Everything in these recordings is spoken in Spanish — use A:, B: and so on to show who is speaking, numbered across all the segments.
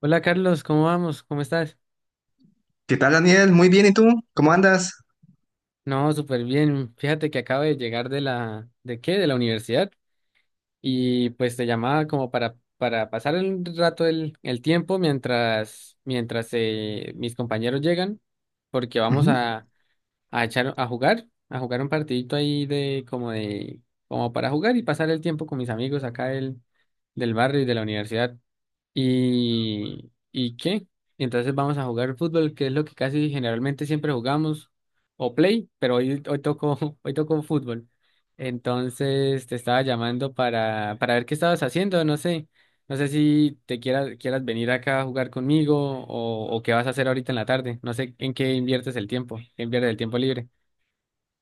A: Hola Carlos, ¿cómo vamos? ¿Cómo estás?
B: ¿Qué tal, Daniel? Muy bien, ¿y tú? ¿Cómo andas?
A: No, súper bien. Fíjate que acabo de llegar de la, ¿de qué? de la universidad y pues te llamaba como para pasar un rato el tiempo mientras mis compañeros llegan, porque vamos
B: Ujú.
A: a jugar un partidito ahí de como para jugar y pasar el tiempo con mis amigos acá del barrio y de la universidad. ¿Y qué? Entonces vamos a jugar fútbol, que es lo que casi generalmente siempre jugamos, o play, pero hoy tocó, hoy tocó fútbol. Entonces te estaba llamando para, ver qué estabas haciendo, no sé. No sé si te quieras venir acá a jugar conmigo o qué vas a hacer ahorita en la tarde. No sé en qué inviertes el tiempo, qué inviertes el tiempo libre.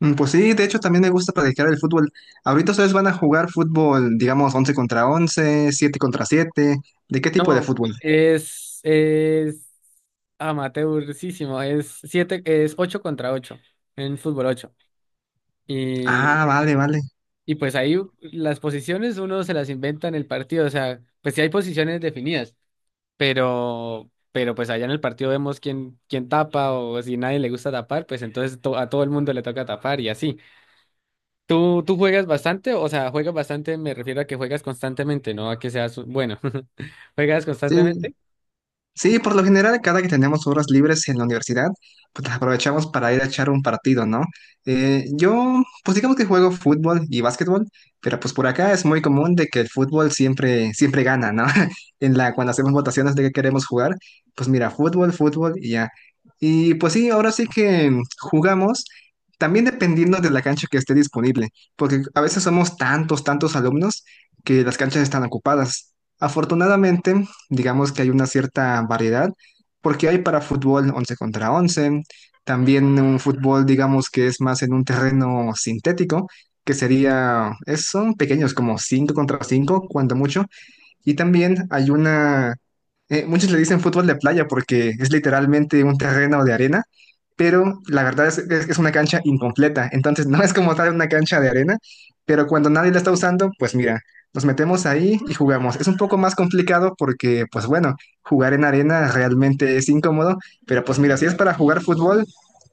B: Pues sí, de hecho también me gusta practicar el fútbol. Ahorita ustedes van a jugar fútbol, digamos, 11 contra 11, 7 contra 7. ¿De qué tipo de
A: No,
B: fútbol?
A: es amateurísimo, es ocho contra ocho en fútbol 8. Y,
B: Ah, vale, vale.
A: y pues ahí las posiciones uno se las inventa en el partido, o sea, pues sí hay posiciones definidas, pero pues allá en el partido vemos quién tapa o si nadie le gusta tapar, pues entonces a todo el mundo le toca tapar y así. ¿Tú juegas bastante? O sea, juegas bastante, me refiero a que juegas constantemente, no a que seas bueno. ¿Juegas
B: Sí.
A: constantemente?
B: Sí, por lo general, cada que tenemos horas libres en la universidad, pues las aprovechamos para ir a echar un partido, ¿no? Yo, pues digamos que juego fútbol y básquetbol, pero pues por acá es muy común de que el fútbol siempre, siempre gana, ¿no? En la, cuando hacemos votaciones de qué queremos jugar, pues mira, fútbol, fútbol y ya. Y pues sí, ahora sí que jugamos. También dependiendo de la cancha que esté disponible, porque a veces somos tantos, tantos alumnos que las canchas están ocupadas. Afortunadamente, digamos que hay una cierta variedad, porque hay para fútbol 11 contra 11 también un fútbol, digamos que es más en un terreno sintético, que sería, son pequeños, como 5 contra 5 cuando mucho, y también hay una, muchos le dicen fútbol de playa porque es literalmente un terreno de arena, pero la verdad es que es una cancha incompleta, entonces no es como tal una cancha de arena, pero cuando nadie la está usando, pues mira, nos metemos ahí y jugamos. Es un poco más complicado porque, pues bueno, jugar en arena realmente es incómodo, pero pues mira, si es para jugar fútbol,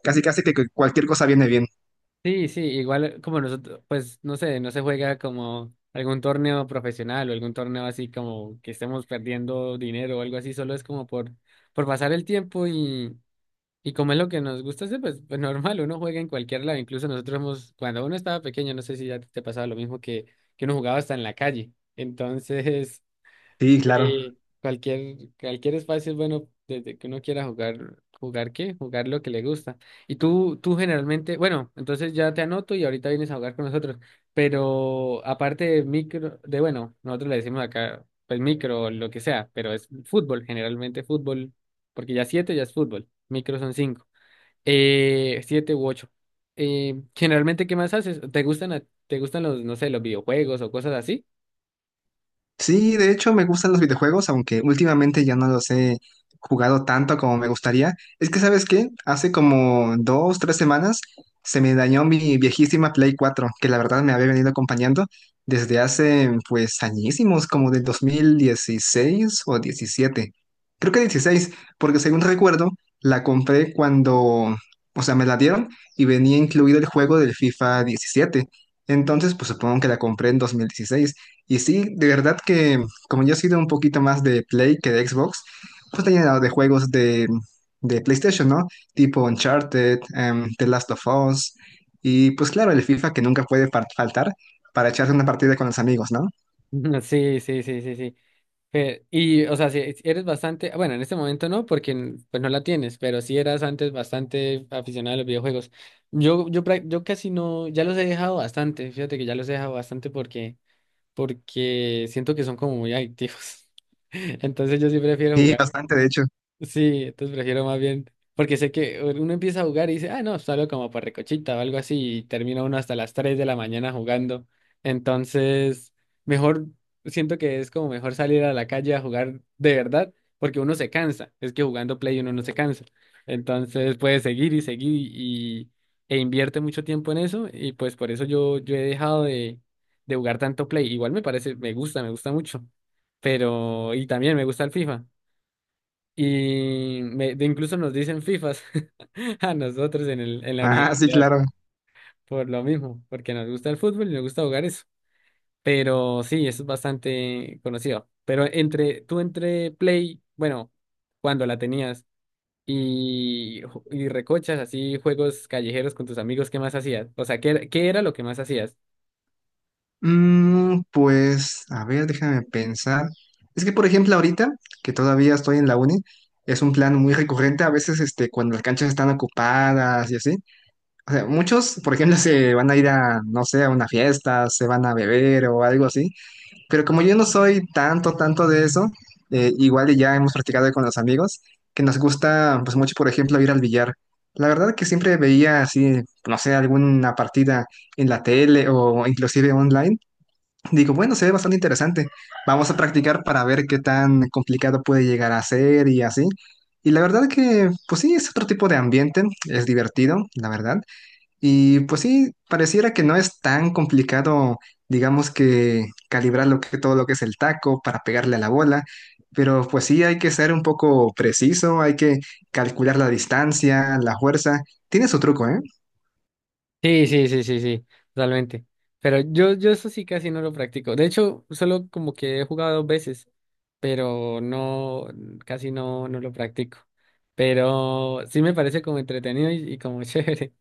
B: casi casi que cualquier cosa viene bien.
A: Sí, sí, igual como nosotros, pues no sé, no se juega como algún torneo profesional o algún torneo así como que estemos perdiendo dinero o algo así, solo es como por pasar el tiempo y como es lo que nos gusta hacer, pues normal, uno juega en cualquier lado, incluso nosotros hemos, cuando uno estaba pequeño, no sé si ya te pasaba lo mismo que uno jugaba hasta en la calle, entonces
B: Sí, claro.
A: cualquier espacio es bueno desde que uno quiera jugar, ¿jugar qué? Jugar lo que le gusta. Y tú generalmente, bueno, entonces ya te anoto y ahorita vienes a jugar con nosotros. Pero aparte de micro, nosotros le decimos acá, pues micro, lo que sea, pero es fútbol, generalmente fútbol, porque ya siete ya es fútbol, micro son cinco, siete u ocho. Generalmente, ¿qué más haces? ¿Te gustan, te gustan los, no sé, los videojuegos o cosas así?
B: Sí, de hecho me gustan los videojuegos, aunque últimamente ya no los he jugado tanto como me gustaría. Es que, ¿sabes qué? Hace como 2, 3 semanas se me dañó mi viejísima Play 4, que la verdad me había venido acompañando desde hace pues añísimos, como del 2016 o 2017. Creo que 16, porque según recuerdo, la compré cuando, o sea, me la dieron y venía incluido el juego del FIFA 17. Entonces, pues supongo que la compré en 2016. Y sí, de verdad que como yo he sido un poquito más de Play que de Xbox, pues tenía llenado de juegos de PlayStation, ¿no? Tipo Uncharted, The Last of Us, y pues claro, el FIFA que nunca puede faltar para echarse una partida con los amigos, ¿no?
A: Sí, sí, sí, sí, sí. Y, o sea, si eres bastante, bueno, en este momento no, porque pues no la tienes, pero sí eras antes bastante aficionado a los videojuegos. Yo casi no, ya los he dejado bastante, fíjate que ya los he dejado bastante porque siento que son como muy adictivos. Entonces yo sí prefiero
B: Y
A: jugar.
B: bastante, de hecho.
A: Sí, entonces prefiero más bien, porque sé que uno empieza a jugar y dice, ah, no, salgo como por recochita o algo así, y termina uno hasta las 3 de la mañana jugando. Entonces, mejor, siento que es como mejor salir a la calle a jugar de verdad, porque uno se cansa. Es que jugando Play uno no se cansa. Entonces puede seguir y seguir e invierte mucho tiempo en eso, y pues por eso yo he dejado de jugar tanto Play. Igual me parece, me gusta mucho. Pero, y también me gusta el FIFA. Y me- de incluso nos dicen FIFAs a nosotros en la
B: Ah, sí,
A: universidad
B: claro.
A: por lo mismo, porque nos gusta el fútbol y nos gusta jugar eso. Pero sí, eso es bastante conocido. Pero entre tú entre Play, bueno, cuando la tenías y recochas así juegos callejeros con tus amigos, ¿qué más hacías? O sea, ¿qué era lo que más hacías?
B: Mm, pues, a ver, déjame pensar. Es que, por ejemplo, ahorita, que todavía estoy en la uni, es un plan muy recurrente a veces este, cuando las canchas están ocupadas y así. O sea, muchos, por ejemplo, se van a ir a, no sé, a una fiesta, se van a beber o algo así. Pero como yo no soy tanto, tanto de eso, igual y ya hemos practicado con los amigos, que nos gusta, pues mucho, por ejemplo, ir al billar. La verdad que siempre veía así, no sé, alguna partida en la tele o inclusive online. Digo, bueno, se ve bastante interesante. Vamos a practicar para ver qué tan complicado puede llegar a ser y así. Y la verdad que, pues sí, es otro tipo de ambiente, es divertido, la verdad. Y pues sí, pareciera que no es tan complicado, digamos que calibrar lo que, todo lo que es el taco para pegarle a la bola, pero pues sí hay que ser un poco preciso, hay que calcular la distancia, la fuerza. Tiene su truco, ¿eh?
A: Sí, sí, sí, sí, sí, totalmente. Pero yo eso sí casi no lo practico. De hecho, solo como que he jugado dos veces, pero no, casi no, no lo practico. Pero sí me parece como entretenido y como chévere.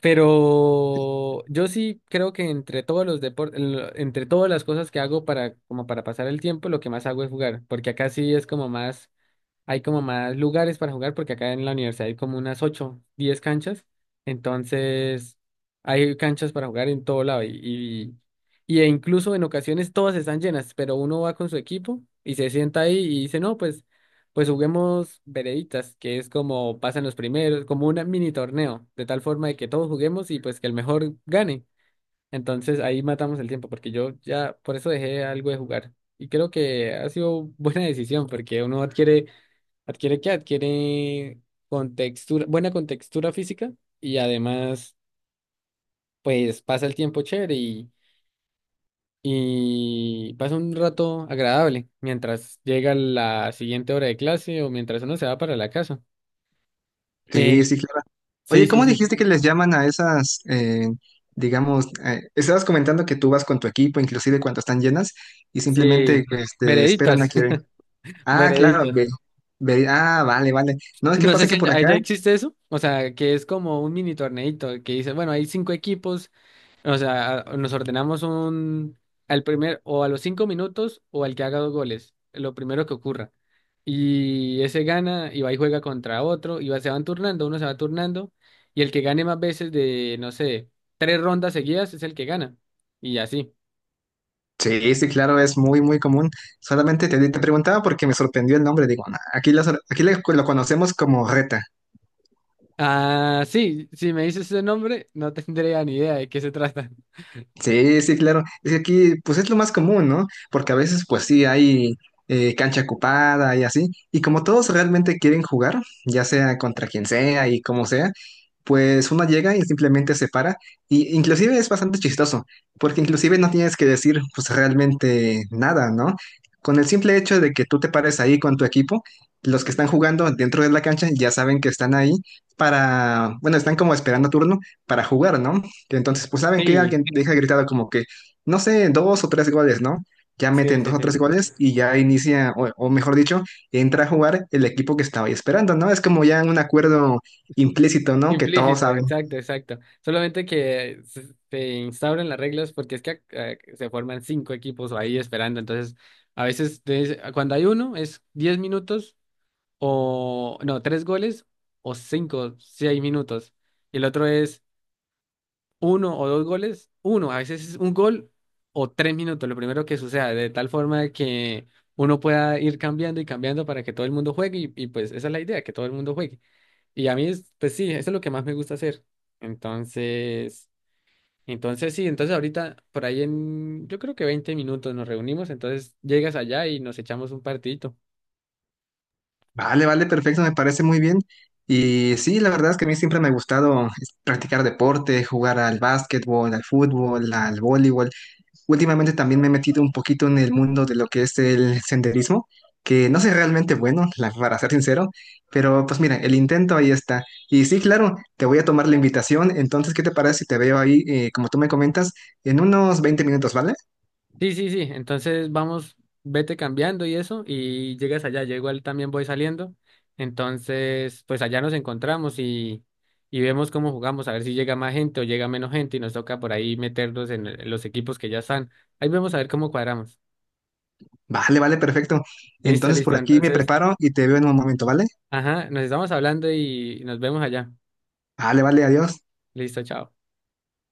A: Pero yo sí creo que entre todos los deportes, entre todas las cosas que hago para, como para pasar el tiempo, lo que más hago es jugar, porque acá sí es como más hay como más lugares para jugar porque acá en la universidad hay como unas 8, 10 canchas, entonces hay canchas para jugar en todo lado e incluso en ocasiones todas están llenas, pero uno va con su equipo y se sienta ahí y dice, no, pues juguemos vereditas, que es como pasan los primeros, como un mini torneo, de tal forma de que todos juguemos y pues que el mejor gane. Entonces ahí matamos el tiempo, porque yo ya por eso dejé algo de jugar. Y creo que ha sido buena decisión, porque uno adquiere, ¿adquiere qué? Adquiere contextura, buena contextura física y además, pues pasa el tiempo chévere y pasa un rato agradable mientras llega la siguiente hora de clase o mientras uno se va para la casa. Eh,
B: Sí, sí, claro.
A: sí,
B: Oye,
A: sí,
B: ¿cómo
A: sí,
B: dijiste que les llaman a esas, digamos, estabas comentando que tú vas con tu equipo, inclusive cuando están llenas, y simplemente
A: sí,
B: este, esperan a
A: vereditas,
B: que... Ah, claro,
A: vereditas.
B: ah, vale, vale. No, es que
A: No sé
B: pasa
A: si
B: que por
A: allá
B: acá.
A: allá existe eso, o sea, que es como un mini torneito que dice, bueno, hay cinco equipos. O sea, nos ordenamos un al primer o a los 5 minutos o al que haga dos goles, lo primero que ocurra. Y ese gana y va y juega contra otro y se van turnando, uno se va turnando y el que gane más veces de, no sé, tres rondas seguidas es el que gana. Y así.
B: Sí, sí, claro, es muy, muy común. Solamente te, te preguntaba porque me sorprendió el nombre. Digo, "Ah, aquí, la sor- aquí la- lo conocemos como reta".
A: Ah, sí, si me dices ese nombre, no tendría ni idea de qué se trata.
B: Sí, sí, claro. Es que aquí, pues es lo más común, ¿no? Porque a veces, pues sí, hay cancha ocupada y así. Y como todos realmente quieren jugar, ya sea contra quien sea y como sea, pues uno llega y simplemente se para. Y inclusive es bastante chistoso, porque inclusive no tienes que decir pues realmente nada, ¿no? Con el simple hecho de que tú te pares ahí con tu equipo, los que están jugando dentro de la cancha ya saben que están ahí para, bueno, están como esperando turno para jugar, ¿no? Entonces, pues saben que
A: Sí,
B: alguien deja gritado como que, no sé, dos o tres goles, ¿no? Ya
A: sí,
B: meten dos
A: sí,
B: o tres
A: sí.
B: goles y ya inicia, o mejor dicho, entra a jugar el equipo que estaba ahí esperando, ¿no? Es como ya un acuerdo implícito, ¿no? Que todos
A: Implícito,
B: saben.
A: exacto, exacto. Solamente que se instauran las reglas porque es que se forman cinco equipos ahí esperando. Entonces, a veces cuando hay uno es 10 minutos o no, tres goles o 5, 6 minutos. Y el otro es uno o dos goles, uno. A veces es un gol o 3 minutos, lo primero que suceda, de tal forma que uno pueda ir cambiando y cambiando para que todo el mundo juegue. Y pues esa es la idea, que todo el mundo juegue. Y a mí, pues sí, eso es lo que más me gusta hacer. Entonces, entonces sí, entonces ahorita por ahí yo creo que 20 minutos nos reunimos, entonces llegas allá y nos echamos un partidito.
B: Vale, vale, perfecto, me parece muy bien. Y sí, la verdad es que a mí siempre me ha gustado es, practicar deporte, jugar al básquetbol, al fútbol, al voleibol. Últimamente también me he metido un poquito en el mundo de lo que es el senderismo, que no soy realmente bueno, para ser sincero, pero pues mira, el intento ahí está. Y sí, claro, te voy a tomar la invitación, entonces, ¿qué te parece si te veo ahí, como tú me comentas, en unos 20 minutos, ¿vale?
A: Sí, sí, sí, entonces vamos, vete cambiando y eso, y llegas allá, yo igual también voy saliendo. Entonces, pues allá nos encontramos y vemos cómo jugamos, a ver si llega más gente o llega menos gente y nos toca por ahí meternos en los equipos que ya están. Ahí vemos a ver cómo cuadramos.
B: Vale, vale, perfecto.
A: Listo,
B: Entonces por
A: listo,
B: aquí me
A: entonces...
B: preparo y te veo en un momento, ¿vale?
A: Ajá, nos estamos hablando y nos vemos allá.
B: Vale, vale, adiós.
A: Listo, chao.